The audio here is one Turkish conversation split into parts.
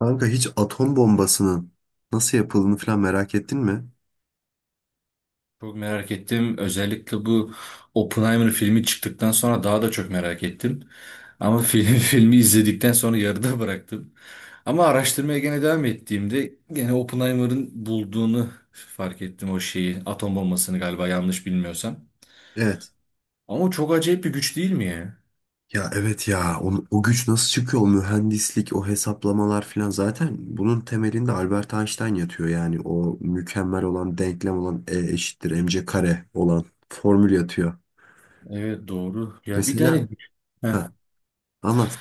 Kanka hiç atom bombasının nasıl yapıldığını falan merak ettin mi? Çok merak ettim. Özellikle bu Oppenheimer filmi çıktıktan sonra daha da çok merak ettim. Ama film, filmi izledikten sonra yarıda bıraktım. Ama araştırmaya gene devam ettiğimde gene Oppenheimer'ın bulduğunu fark ettim o şeyi. Atom bombasını galiba yanlış bilmiyorsam. Evet. Ama çok acayip bir güç değil mi ya? Ya evet ya o güç nasıl çıkıyor, o mühendislik, o hesaplamalar falan. Zaten bunun temelinde Albert Einstein yatıyor, yani o mükemmel olan, denklem olan E eşittir mc kare olan formül yatıyor. Evet, doğru. Ya bir tane. Mesela Heh. ha, anlat.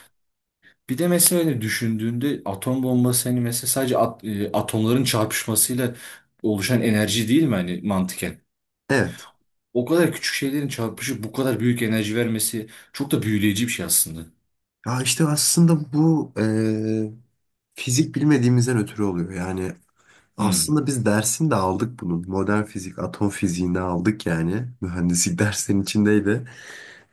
Bir de mesela hani düşündüğünde atom bombası hani mesela sadece atomların çarpışmasıyla oluşan enerji değil mi hani mantıken? Evet. O kadar küçük şeylerin çarpışıp bu kadar büyük enerji vermesi çok da büyüleyici bir şey aslında. Ya işte aslında bu fizik bilmediğimizden ötürü oluyor. Yani Hmm, aslında biz dersini de aldık bunun. Modern fizik, atom fiziğini aldık yani. Mühendislik dersinin içindeydi.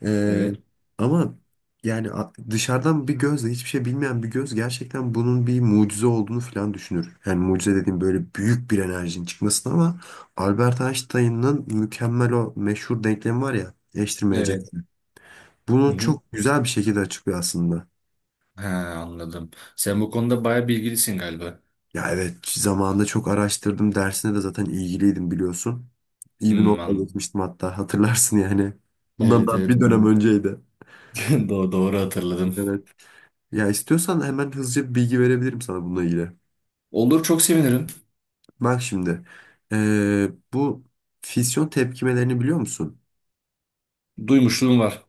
Ee, evet. ama yani dışarıdan bir gözle, hiçbir şey bilmeyen bir göz gerçekten bunun bir mucize olduğunu falan düşünür. Yani mucize dediğim böyle büyük bir enerjinin çıkmasını, ama Albert Einstein'ın mükemmel o meşhur denklemi var ya, eşleştirmeyecek. Evet. Hı Bunu hı. çok güzel bir şekilde açıklıyor aslında. He, anladım. Sen bu konuda bayağı bilgilisin galiba. Ya evet, zamanında çok araştırdım. Dersine de zaten ilgiliydim, biliyorsun. İyi bir Hmm, notla anladım. geçmiştim hatta, hatırlarsın yani. Bundan Evet, daha evet, bir dönem evet. önceydi. Doğru, doğru hatırladım. Evet. Ya istiyorsan hemen hızlıca bir bilgi verebilirim sana bununla ilgili. Olur, çok sevinirim. Bak şimdi. Bu fisyon tepkimelerini biliyor musun? Duymuşluğum var.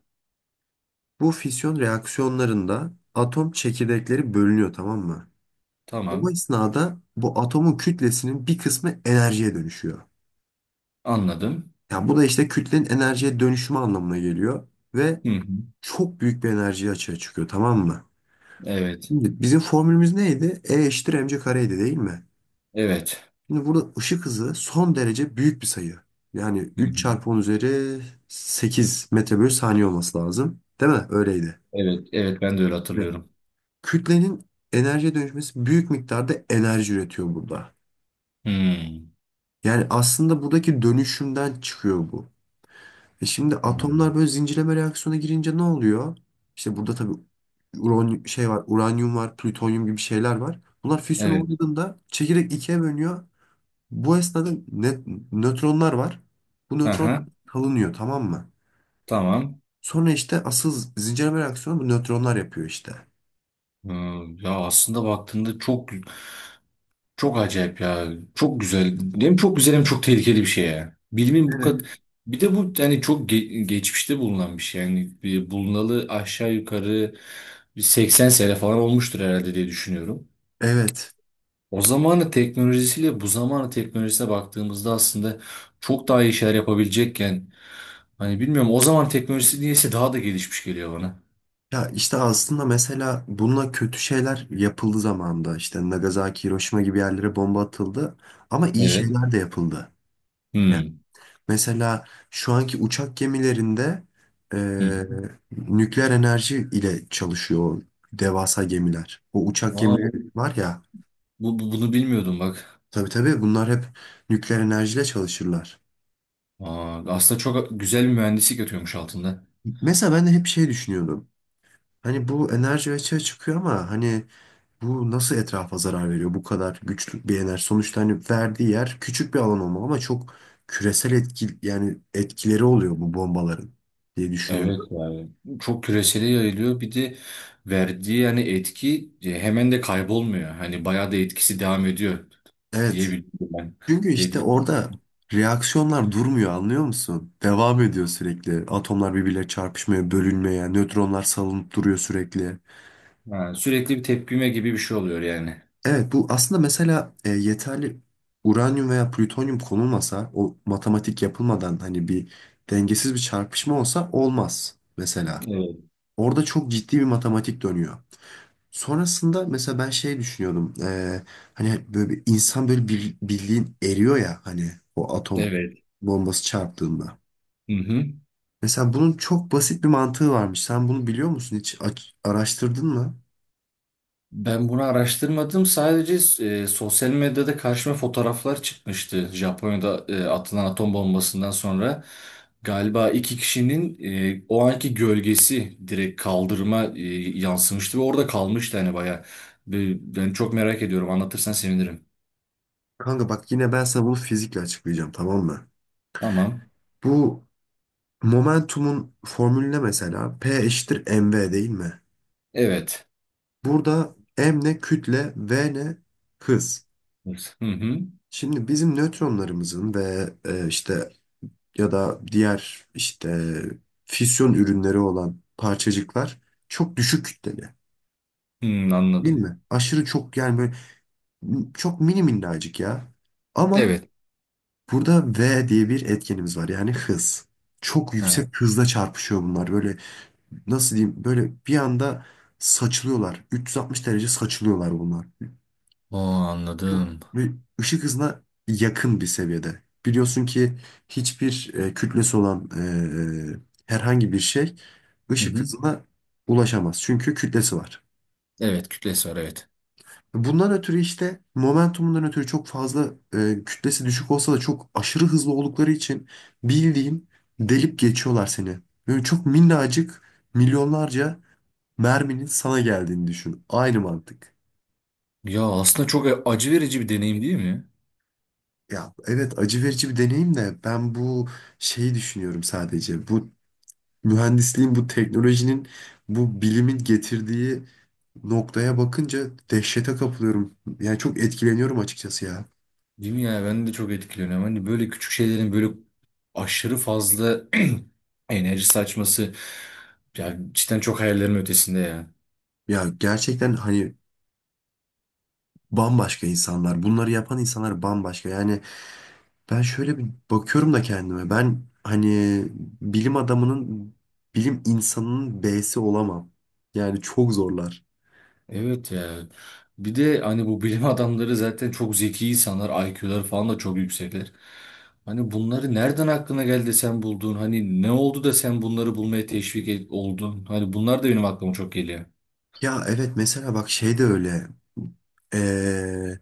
Bu fisyon reaksiyonlarında atom çekirdekleri bölünüyor, tamam mı? O Tamam. esnada bu atomun kütlesinin bir kısmı enerjiye dönüşüyor. Anladım. Ya bu da işte kütlenin enerjiye dönüşümü anlamına geliyor. Ve Hı hı. çok büyük bir enerji açığa çıkıyor, tamam mı? Evet. Şimdi bizim formülümüz neydi? E eşittir mc kareydi, değil mi? Evet. Şimdi burada ışık hızı son derece büyük bir sayı. Yani Hı 3 hı. çarpı 10 üzeri 8 metre bölü saniye olması lazım. Değil mi? Öyleydi. Evet. Evet, ben de öyle Evet. hatırlıyorum. Kütlenin enerjiye dönüşmesi büyük miktarda enerji üretiyor burada. Hmm. Yani aslında buradaki dönüşümden çıkıyor bu. E şimdi atomlar Anladım. böyle zincirleme reaksiyona girince ne oluyor? İşte burada tabii uran şey var, uranyum var, plütonyum gibi şeyler var. Bunlar füsyon Evet. olduğunda çekirdek ikiye bölünüyor. Bu esnada nötronlar var. Bu nötron Aha. salınıyor, tamam mı? Tamam. Sonra işte asıl zincirleme reaksiyonu bu nötronlar yapıyor işte. Ee, Ya aslında baktığında çok çok acayip ya. Çok güzel. Hem çok güzel hem çok tehlikeli bir şey ya. Bilimin bu Evet. kadar... Bir de bu yani çok geçmişte bulunan bir şey. Yani bir bulunalı aşağı yukarı bir 80 sene falan olmuştur herhalde diye düşünüyorum. Evet. O zamanın teknolojisiyle bu zamanın teknolojisine baktığımızda aslında çok daha iyi şeyler yapabilecekken hani bilmiyorum o zaman teknolojisi niyeyse daha da gelişmiş geliyor bana. Ya işte aslında mesela bununla kötü şeyler yapıldı zamanında. İşte Nagasaki, Hiroşima gibi yerlere bomba atıldı. Ama iyi Evet. şeyler de yapıldı. Hmm. Mesela şu anki uçak gemilerinde e, Hı hı. nükleer enerji ile çalışıyor o devasa gemiler. O uçak Aa, gemileri var ya, bunu bilmiyordum bak. tabii tabii bunlar hep nükleer enerjiyle çalışırlar. Aa, aslında çok güzel bir mühendislik yatıyormuş altında. Mesela ben de hep şey düşünüyordum. Hani bu enerji açığa çıkıyor ama hani bu nasıl etrafa zarar veriyor bu kadar güçlü bir enerji? Sonuçta hani verdiği yer küçük bir alan olmalı ama çok küresel etki, yani etkileri oluyor bu bombaların diye Evet düşünüyordum. yani çok küresele yayılıyor, bir de verdiği yani etki, hemen de kaybolmuyor. Hani bayağı da etkisi devam ediyor Evet. diyebilirim ben. Çünkü işte Dedi. orada reaksiyonlar durmuyor, anlıyor musun? Devam ediyor sürekli. Atomlar birbirleriyle çarpışmaya, bölünmeye, nötronlar salınıp duruyor sürekli. Ha, sürekli bir tepkime gibi bir şey oluyor yani. Evet, bu aslında mesela yeterli uranyum veya plütonyum konulmasa, o matematik yapılmadan hani bir dengesiz bir çarpışma olsa olmaz mesela. Evet. Orada çok ciddi bir matematik dönüyor. Sonrasında mesela ben şey düşünüyordum. Hani böyle bir insan böyle bir, bildiğin eriyor ya hani, o atom Evet. bombası çarptığında. Hı hı. Mesela bunun çok basit bir mantığı varmış. Sen bunu biliyor musun? Hiç araştırdın mı? Ben bunu araştırmadım. Sadece sosyal medyada karşıma fotoğraflar çıkmıştı. Japonya'da atılan atom bombasından sonra galiba iki kişinin o anki gölgesi direkt kaldırıma yansımıştı ve orada kalmıştı hani bayağı. Ben çok merak ediyorum. Anlatırsan sevinirim. Kanka bak, yine ben sana bunu fizikle açıklayacağım, tamam mı? Tamam. Bu momentumun formülüne mesela P eşittir mv, değil mi? Evet. Burada m ne, kütle; v ne, hız. Evet. Hı hı. Şimdi bizim nötronlarımızın ve işte, ya da diğer işte fisyon ürünleri olan parçacıklar çok düşük kütleli. Hı, Değil anladım. mi? Aşırı çok, yani böyle çok mini minnacık ya. Ama Evet. burada V diye bir etkenimiz var, yani hız. Çok Ha. yüksek hızla çarpışıyor bunlar. Böyle nasıl diyeyim, böyle bir anda saçılıyorlar. 360 derece saçılıyorlar bunlar. O, Çok anladım. ve ışık hızına yakın bir seviyede. Biliyorsun ki hiçbir kütlesi olan herhangi bir şey Hı ışık hı. hızına ulaşamaz. Çünkü kütlesi var. Evet, kütlesi var, evet. Bundan ötürü işte momentumundan ötürü çok fazla, kütlesi düşük olsa da çok aşırı hızlı oldukları için bildiğin delip geçiyorlar seni. Böyle çok minnacık milyonlarca merminin sana geldiğini düşün. Aynı mantık. Ya aslında çok acı verici bir deneyim değil mi? Ya evet acı verici bir deneyim, de ben bu şeyi düşünüyorum sadece. Bu mühendisliğin, bu teknolojinin, bu bilimin getirdiği noktaya bakınca dehşete kapılıyorum. Yani çok etkileniyorum açıkçası ya. Değil mi ya? Ben de çok etkileniyorum. Hani böyle küçük şeylerin böyle aşırı fazla enerji saçması ya cidden çok hayallerimin ötesinde ya. Ya gerçekten hani bambaşka insanlar. Bunları yapan insanlar bambaşka. Yani ben şöyle bir bakıyorum da kendime. Ben hani bilim adamının, bilim insanının B'si olamam. Yani çok zorlar. Evet ya. Bir de hani bu bilim adamları zaten çok zeki insanlar. IQ'ları falan da çok yüksekler. Hani bunları nereden aklına geldi de sen buldun? Hani ne oldu da sen bunları bulmaya oldun? Hani bunlar da benim aklıma çok geliyor. Ya evet, mesela bak şey de öyle. Ee,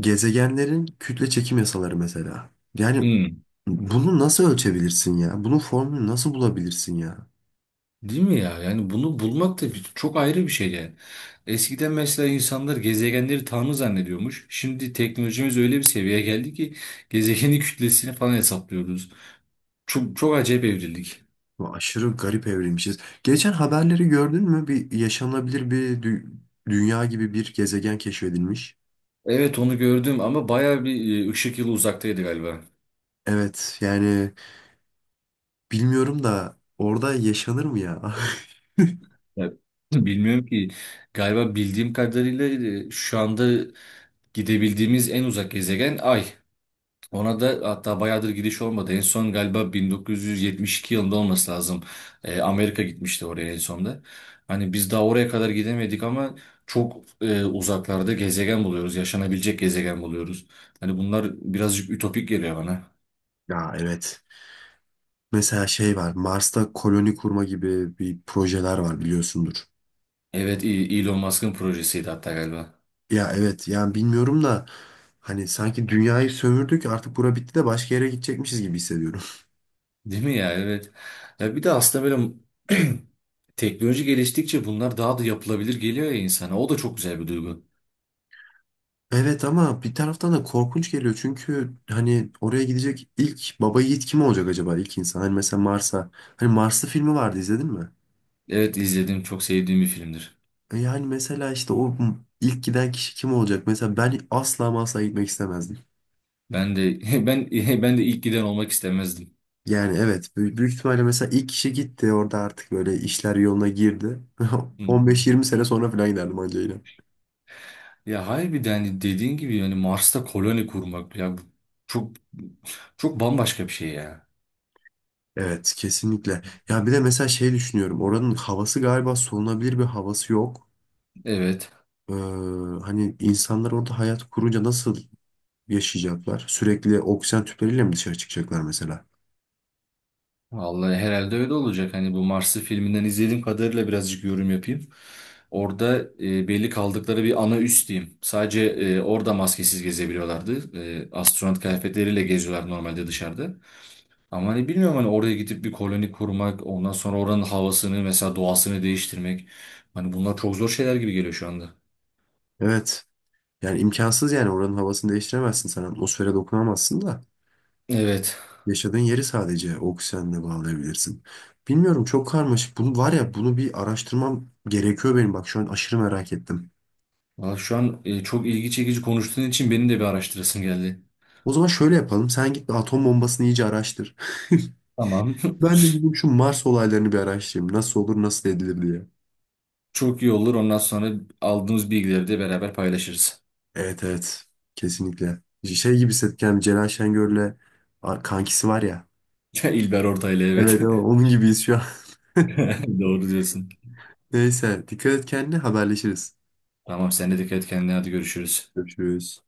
gezegenlerin kütle çekim yasaları mesela. Yani Hmm. bunu nasıl ölçebilirsin ya? Bunun formülünü nasıl bulabilirsin ya? Değil mi ya? Yani bunu bulmak da çok ayrı bir şey yani. Eskiden mesela insanlar gezegenleri tanrı zannediyormuş. Şimdi teknolojimiz öyle bir seviyeye geldi ki gezegenin kütlesini falan hesaplıyoruz. Çok, çok acayip evrildik. Bu aşırı garip evrilmişiz. Geçen haberleri gördün mü? Bir yaşanabilir bir dünya gibi bir gezegen keşfedilmiş. Evet, onu gördüm ama bayağı bir ışık yılı uzaktaydı galiba. Evet yani bilmiyorum da, orada yaşanır mı ya? Ya, bilmiyorum ki galiba bildiğim kadarıyla şu anda gidebildiğimiz en uzak gezegen Ay. Ona da hatta bayağıdır gidiş olmadı. En son galiba 1972 yılında olması lazım. Amerika gitmişti oraya en sonda. Hani biz daha oraya kadar gidemedik ama çok uzaklarda gezegen buluyoruz. Yaşanabilecek gezegen buluyoruz. Hani bunlar birazcık ütopik geliyor bana. Ya evet. Mesela şey var, Mars'ta koloni kurma gibi bir projeler var, biliyorsundur. Evet, Elon Musk'ın projesiydi hatta galiba. Ya evet yani bilmiyorum da, hani sanki dünyayı sömürdük artık, bura bitti de başka yere gidecekmişiz gibi hissediyorum. Değil mi ya? Evet. Ya bir de aslında böyle teknoloji geliştikçe bunlar daha da yapılabilir geliyor ya insana. O da çok güzel bir duygu. Evet ama bir taraftan da korkunç geliyor, çünkü hani oraya gidecek ilk baba yiğit kim olacak acaba, ilk insan? Hani mesela Mars'a, hani Marslı filmi vardı, izledin mi? Evet, izledim. Çok sevdiğim bir filmdir. Yani mesela işte o ilk giden kişi kim olacak? Mesela ben asla ama asla gitmek istemezdim. Ben de ben de ilk giden olmak istemezdim. Yani evet, büyük, büyük ihtimalle mesela ilk kişi gitti, orada artık böyle işler yoluna girdi, Hı hı. 15-20 sene sonra falan giderdim ancayla. Ya harbiden hani dediğin gibi yani Mars'ta koloni kurmak ya bu çok çok bambaşka bir şey ya. Evet kesinlikle. Ya bir de mesela şey düşünüyorum, oranın havası, galiba solunabilir bir havası yok. Evet. Ee, hani insanlar orada hayat kurunca nasıl yaşayacaklar? Sürekli oksijen tüpleriyle mi dışarı çıkacaklar mesela? Vallahi herhalde öyle olacak. Hani bu Mars'ı filminden izlediğim kadarıyla birazcık yorum yapayım. Orada belli kaldıkları bir ana üs diyeyim. Sadece orada maskesiz gezebiliyorlardı. Astronot kıyafetleriyle geziyorlar normalde dışarıda. Ama hani bilmiyorum hani oraya gidip bir koloni kurmak, ondan sonra oranın havasını mesela doğasını değiştirmek. Hani bunlar çok zor şeyler gibi geliyor şu anda. Evet. Yani imkansız, yani oranın havasını değiştiremezsin sen, atmosfere dokunamazsın da. Evet. Yaşadığın yeri sadece oksijenle bağlayabilirsin. Bilmiyorum, çok karmaşık. Bunu var ya, bunu bir araştırmam gerekiyor benim. Bak şu an aşırı merak ettim. Valla şu an çok ilgi çekici konuştuğun için benim de bir araştırasım geldi. O zaman şöyle yapalım. Sen git bir atom bombasını iyice araştır. Tamam. Ben de gidip şu Mars olaylarını bir araştırayım. Nasıl olur, nasıl edilir diye. Çok iyi olur. Ondan sonra aldığımız bilgileri de beraber paylaşırız. Evet, evet. Kesinlikle. Şey gibi hissettik yani, Celal Şengör'le kankisi var ya. İlber Ortaylı, evet. Evet, onun gibiyiz şu an. Doğru diyorsun. Neyse, dikkat et kendine, haberleşiriz. Tamam, sen de dikkat et kendine, hadi görüşürüz. Görüşürüz.